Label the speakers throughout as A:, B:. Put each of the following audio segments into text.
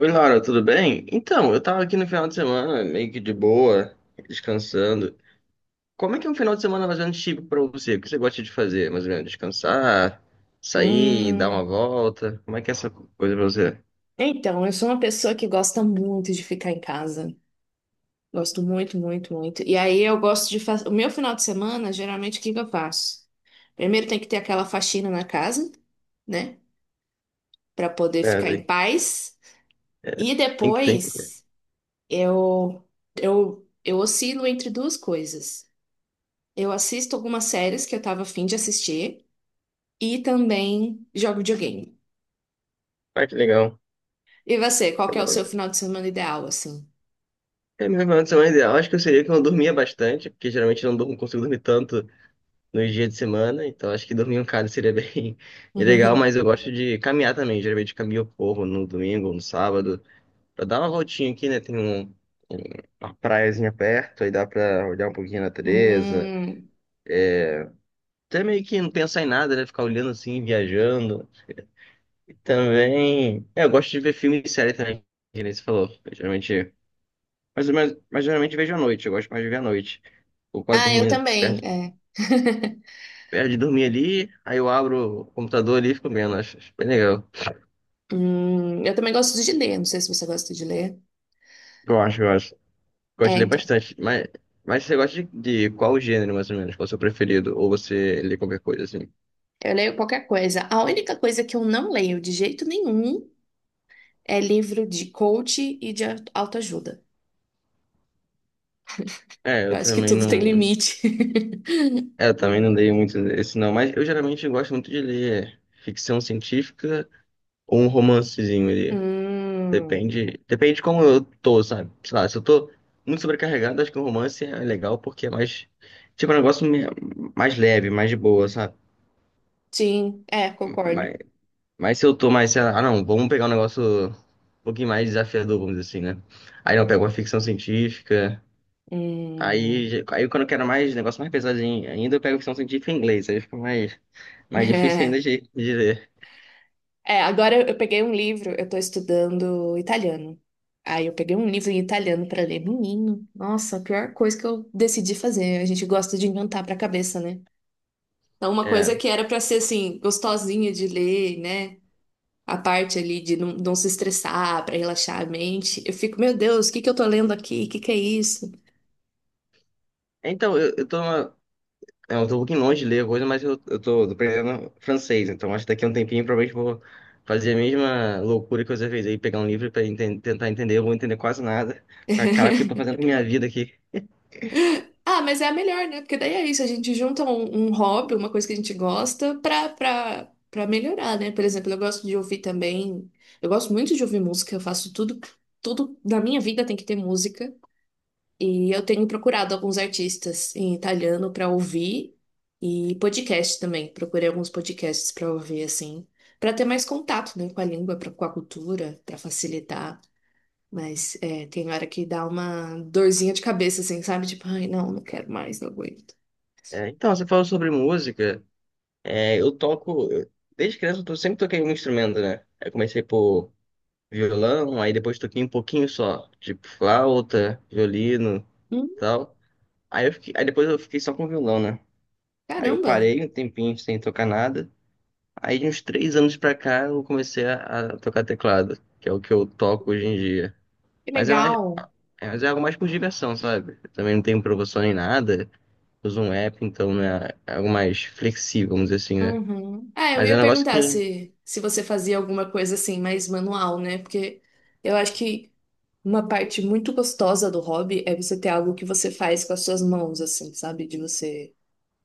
A: Oi, Laura, tudo bem? Então, eu tava aqui no final de semana, meio que de boa, descansando. Como é que é um final de semana mais ou menos típico pra você? O que você gosta de fazer? Mais ou menos descansar, sair, dar uma
B: Hum,
A: volta? Como é que é essa coisa pra você?
B: então, eu sou uma pessoa que gosta muito de ficar em casa. Gosto muito, muito, muito. E aí eu gosto de fazer. O meu final de semana, geralmente, o que que eu faço? Primeiro tem que ter aquela faxina na casa, né? Pra poder
A: É,
B: ficar em
A: tem,
B: paz.
A: é,
B: E
A: tem que.
B: depois eu, eu oscilo entre duas coisas. Eu assisto algumas séries que eu tava afim de assistir e também jogo videogame.
A: Ah, que legal.
B: E você, qual que é o seu
A: Agora,
B: final de semana ideal, assim?
A: é, meu final de semana ideal, acho que eu seria que eu dormia bastante, porque geralmente eu não durmo, consigo dormir tanto nos dias de semana, então acho que dormir um cara seria bem legal, mas eu gosto de caminhar também, geralmente eu caminho eu corro no domingo, ou no sábado. Pra dar uma voltinha aqui, né? Uma praiazinha perto, aí dá pra olhar um pouquinho a natureza.
B: Hum.
A: Até meio que não pensar em nada, né? Ficar olhando assim, viajando. E também. É, eu gosto de ver filme e série também, que nem você falou. Eu geralmente. Mas geralmente vejo à noite, eu gosto mais de ver à noite. Vou quase
B: Ah, eu
A: dormindo,
B: também,
A: perto,
B: é.
A: perto de dormir ali, aí eu abro o computador ali e fico vendo. Acho bem legal.
B: Eu também gosto de ler, não sei se você gosta de ler.
A: Eu acho, eu acho. Gosto
B: É,
A: de ler
B: então,
A: bastante. Mas você gosta de qual gênero, mais ou menos? Qual é o seu preferido? Ou você lê qualquer coisa assim?
B: eu leio qualquer coisa. A única coisa que eu não leio de jeito nenhum é livro de coach e de autoajuda.
A: É,
B: Eu
A: eu
B: acho que
A: também
B: tudo tem
A: não.
B: limite.
A: É, eu também não dei muito esse não, mas eu geralmente gosto muito de ler ficção científica ou um romancezinho ali.
B: Hum,
A: Depende de como eu tô, sabe? Sei lá, se eu tô muito sobrecarregado, acho que um romance é legal porque é mais, tipo, mais leve, mais de boa, sabe?
B: sim, é, concordo.
A: Mas, mas se eu tô mais, sei lá, ah não, vamos pegar um negócio um pouquinho mais desafiador, vamos dizer assim, né? Aí eu pego uma ficção científica,
B: Hum.
A: aí quando eu quero mais negócio mais pesadinho ainda, eu pego ficção científica em inglês, aí fica mais mais difícil ainda de ler.
B: É, agora eu peguei um livro, eu tô estudando italiano. Aí eu peguei um livro em italiano pra ler. Menino, nossa, a pior coisa que eu decidi fazer. A gente gosta de inventar pra cabeça, né? Então, uma
A: É.
B: coisa que era pra ser assim, gostosinha de ler, né? A parte ali de não, não se estressar, pra relaxar a mente. Eu fico, meu Deus, o que que eu tô lendo aqui? O que que é isso?
A: Então, é, eu, tô um pouquinho longe de ler a coisa, mas eu, eu tô aprendendo francês, então acho que daqui a um tempinho provavelmente vou fazer a mesma loucura que você fez aí, pegar um livro tentar entender, eu vou entender quase nada. Mas, caraca, o que eu tô fazendo com minha vida aqui?
B: Ah, mas é a melhor, né? Porque daí é isso, a gente junta um hobby, uma coisa que a gente gosta, pra melhorar, né? Por exemplo, eu gosto de ouvir também. Eu gosto muito de ouvir música, eu faço tudo, tudo na minha vida tem que ter música. E eu tenho procurado alguns artistas em italiano pra ouvir e podcast também. Procurei alguns podcasts pra ouvir, assim, pra ter mais contato, né, com a língua, pra, com a cultura, pra facilitar. Mas é, tem hora que dá uma dorzinha de cabeça, assim, sabe? Tipo, ai, não, não quero mais, não aguento.
A: É, então, você falou sobre música, é, desde criança sempre toquei um instrumento, né? Eu comecei por violão, aí depois toquei um pouquinho só, tipo flauta, violino,
B: Hum,
A: tal. Aí depois eu fiquei só com violão, né? Aí eu
B: caramba,
A: parei um tempinho sem tocar nada. Aí de uns 3 anos pra cá eu comecei a tocar teclado, que é o que eu toco hoje em dia.
B: que
A: Mas é mais,
B: legal.
A: é, mas é algo mais por diversão, sabe? Eu também não tenho professor nem nada, uso um app, então né, é algo mais flexível, vamos dizer assim, né?
B: Uhum. Ah, eu
A: Mas é
B: ia
A: um negócio
B: perguntar
A: que.
B: se, se você fazia alguma coisa assim, mais manual, né? Porque eu acho que uma parte muito gostosa do hobby é você ter algo que você faz com as suas mãos, assim, sabe? De você,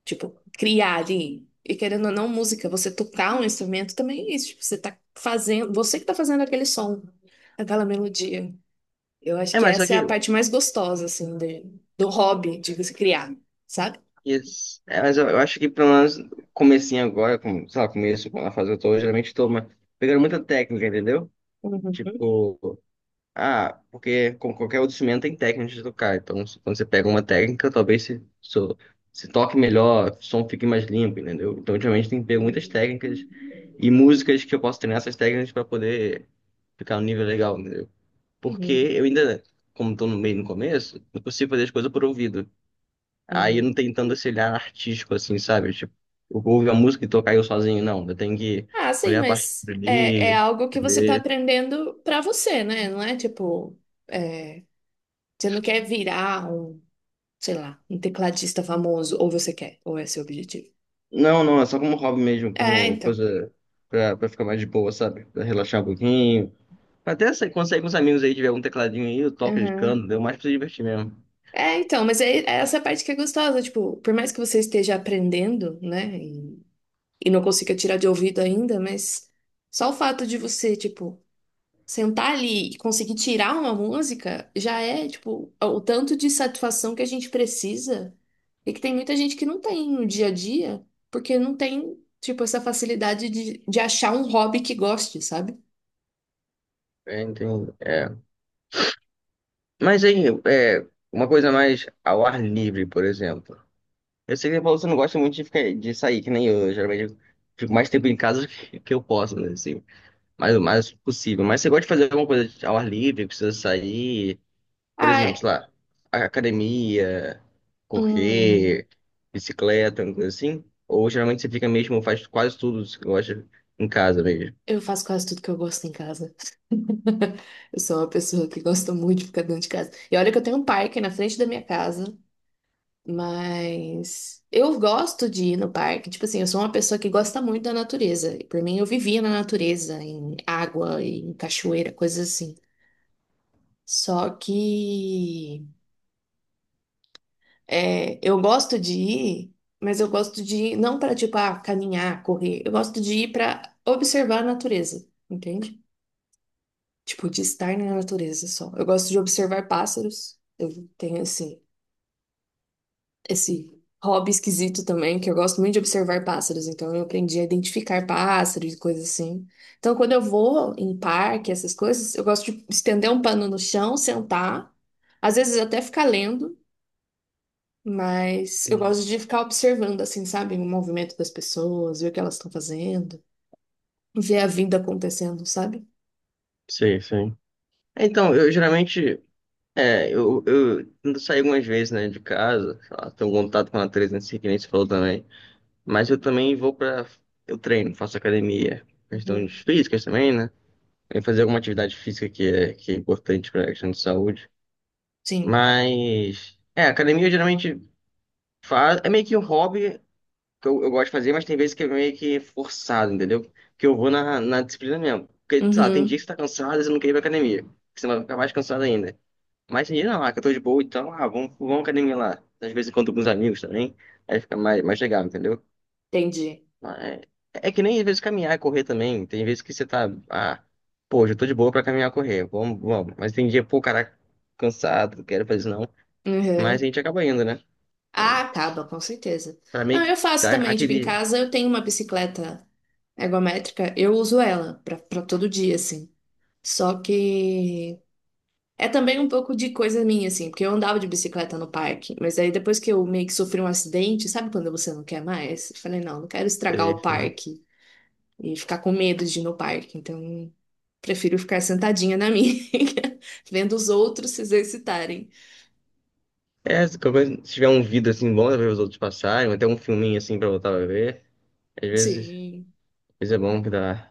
B: tipo, criar ali. E querendo ou não, música, você tocar um instrumento também é isso. Tipo, você tá fazendo, você que tá fazendo aquele som, aquela melodia. Eu acho
A: É,
B: que
A: mas só
B: essa é
A: que.
B: a parte mais gostosa, assim, de- do hobby, de se criar, sabe?
A: Isso. É, mas eu acho que pelo menos comecinho agora, com, sei lá, começo, na fase que eu tô, geralmente tô uma- pegando muita técnica, entendeu?
B: Uhum,
A: Tipo. Ah, porque como qualquer outro instrumento tem técnicas de tocar. Então, quando você pega uma técnica, talvez se toque melhor, o som fique mais limpo, entendeu? Então, ultimamente tem que pego muitas técnicas e músicas que eu posso treinar essas técnicas para poder ficar no nível legal, entendeu? Porque
B: uhum,
A: eu ainda, como tô no meio no começo, não consigo fazer as coisas por ouvido. Aí eu
B: uhum.
A: não tenho tanto esse olhar artístico assim, sabe? Tipo, eu vou ouvir a música e tocar eu sozinho, não. Eu tenho que
B: Ah, sim,
A: olhar a
B: mas
A: partitura
B: é, é
A: ali.
B: algo que você tá aprendendo pra você, né? Não é tipo, é, você não quer virar um, sei lá, um tecladista famoso, ou você quer, ou é seu objetivo.
A: Não, não, é só como hobby mesmo,
B: É,
A: como
B: então.
A: coisa pra, pra ficar mais de boa, sabe? Pra relaxar um pouquinho. Até se consegue com os amigos aí, tiver um tecladinho aí, eu toco de canto,
B: Uhum.
A: deu mais pra se divertir mesmo.
B: É, então, mas é, é essa parte que é gostosa, tipo, por mais que você esteja aprendendo, né, e não consiga tirar de ouvido ainda, mas só o fato de você, tipo, sentar ali e conseguir tirar uma música já é, tipo, o tanto de satisfação que a gente precisa e que tem muita gente que não tem no dia a dia, porque não tem, tipo, essa facilidade de, achar um hobby que goste, sabe?
A: É, entendo. É. Mas aí, é, uma coisa mais ao ar livre, por exemplo. Eu sei que você não gosta muito de, ficar, de sair, que nem eu. Eu geralmente fico mais tempo em casa que eu posso, né? Assim, mais o mais possível. Mas você gosta de fazer alguma coisa ao ar livre, precisa sair. Por
B: Ah,
A: exemplo, sei lá, academia,
B: hum,
A: correr, bicicleta, uma coisa assim? Ou geralmente você fica mesmo, faz quase tudo que você gosta em casa mesmo?
B: eu faço quase tudo que eu gosto em casa. Eu sou uma pessoa que gosta muito de ficar dentro de casa. E olha que eu tenho um parque na frente da minha casa. Mas eu gosto de ir no parque. Tipo assim, eu sou uma pessoa que gosta muito da natureza. E por mim, eu vivia na natureza, em água, em cachoeira, coisas assim. Só que é, eu gosto de ir, mas eu gosto de ir não para, tipo, ah, caminhar, correr. Eu gosto de ir para observar a natureza, entende? Tipo, de estar na natureza só. Eu gosto de observar pássaros. Eu tenho, assim, esse hobby esquisito também, que eu gosto muito de observar pássaros, então eu aprendi a identificar pássaros e coisas assim. Então, quando eu vou em parque, essas coisas, eu gosto de estender um pano no chão, sentar, às vezes até ficar lendo, mas eu
A: Uhum.
B: gosto de ficar observando, assim, sabe, o movimento das pessoas, ver o que elas estão fazendo, ver a vida acontecendo, sabe?
A: Sei, sei. Então, eu geralmente, é, eu tento sair algumas vezes, né, de casa, sei lá, tenho um contato com a natureza, assim, que nem você falou também, mas eu também vou pra, eu treino, faço academia, questões
B: Uhum.
A: físicas também, né, e fazer alguma atividade física que é importante pra questão de saúde,
B: Sim.
A: mas, é, academia eu geralmente Fa- é meio que um hobby que eu gosto de fazer, mas tem vezes que é meio que forçado, entendeu? Que eu vou na disciplina mesmo. Porque, sei lá, tem dia
B: Uhum.
A: que você tá cansado e você não quer ir pra academia. Porque você vai ficar mais cansado ainda. Mas tem dia não, ah, que eu tô de boa, então, ah, vamos, vamos à academia lá. Às vezes encontro com os amigos também, aí fica mais, mais legal, entendeu?
B: Entendi.
A: Mas é que nem às vezes caminhar e correr também. Tem vezes que você tá, ah, pô, hoje eu tô de boa pra caminhar e correr, vamos, vamos. Mas tem dia, pô, caraca, cansado, não quero fazer isso não. Mas a
B: Uhum.
A: gente acaba indo, né? Pra
B: Ah, acaba, com certeza.
A: pra meio
B: Não,
A: que
B: eu faço
A: dar
B: também, tipo, em
A: aquele.
B: casa eu tenho uma bicicleta ergométrica, eu uso ela pra, pra todo dia, assim. Só que é também um pouco de coisa minha, assim, porque eu andava de bicicleta no parque, mas aí depois que eu meio que sofri um acidente, sabe quando você não quer mais? Eu falei, não, não quero estragar
A: É,
B: o parque e ficar com medo de ir no parque, então prefiro ficar sentadinha na minha, vendo os outros se exercitarem.
A: É, se qualquer coisa- se tiver um vídeo assim bom, dá pra ver os outros passarem, até um filminho assim pra voltar a ver. Às vezes,
B: Sim.
A: às vezes é bom que dá,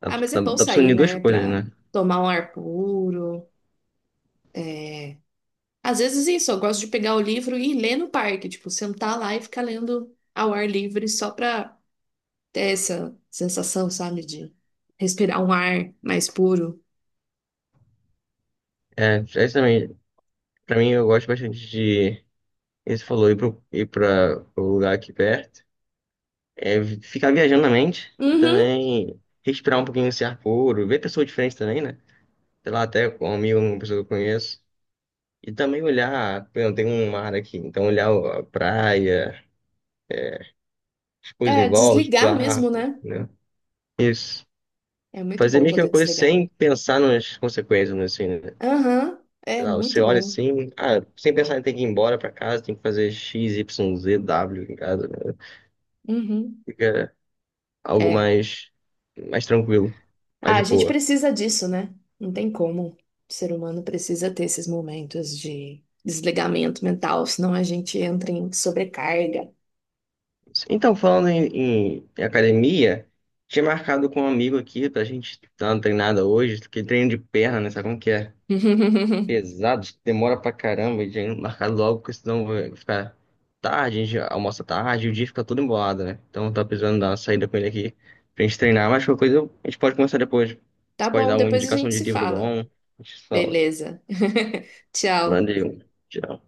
A: dá,
B: Ah, mas é
A: dá,
B: bom
A: dá pra
B: sair,
A: unir duas
B: né,
A: coisas,
B: pra
A: né?
B: tomar um ar puro. É, às vezes isso, eu gosto de pegar o livro e ler no parque, tipo, sentar lá e ficar lendo ao ar livre só pra ter essa sensação, sabe, de respirar um ar mais puro.
A: É, é isso também, pra mim eu gosto bastante de, esse falou, ir, pro, ir pra o lugar aqui perto, ficar viajando na mente e
B: Uhum,
A: também respirar um pouquinho esse ar puro, ver pessoas diferentes também, né? Sei lá, até com um amigo, uma pessoa que eu conheço. E também olhar, por exemplo, tem um mar aqui, então olhar a praia, as coisas em
B: é,
A: volta, os
B: desligar mesmo,
A: barcos,
B: né?
A: né? Isso.
B: É muito
A: Fazer
B: bom
A: meio que uma
B: poder
A: coisa
B: desligar.
A: sem pensar nas consequências, né, assim, né?
B: Aham, é
A: Sei lá,
B: muito
A: você olha
B: bom.
A: assim, ah, sem pensar em ter que ir embora pra casa, tem que fazer X, Y, Z, W em casa, né?
B: Uhum,
A: Fica algo
B: é.
A: mais, mais tranquilo, mais
B: Ah, a
A: de
B: gente
A: boa.
B: precisa disso, né? Não tem como. O ser humano precisa ter esses momentos de desligamento mental, senão a gente entra em sobrecarga.
A: Então, falando em, em academia, tinha marcado com um amigo aqui pra gente dar uma treinada hoje, que treino de perna, né? Sabe como que é? Pesados, demora pra caramba, e já marcar logo, porque senão vai ficar tarde, a gente almoça tarde, e o dia fica todo embolado, né? Então tá precisando dar uma saída com ele aqui pra gente treinar, mas qualquer coisa a gente pode começar depois.
B: Tá
A: Você pode
B: bom,
A: dar uma
B: depois a
A: indicação
B: gente
A: de
B: se
A: livro
B: fala.
A: bom, a gente fala.
B: Beleza. Tchau.
A: Valeu, tchau.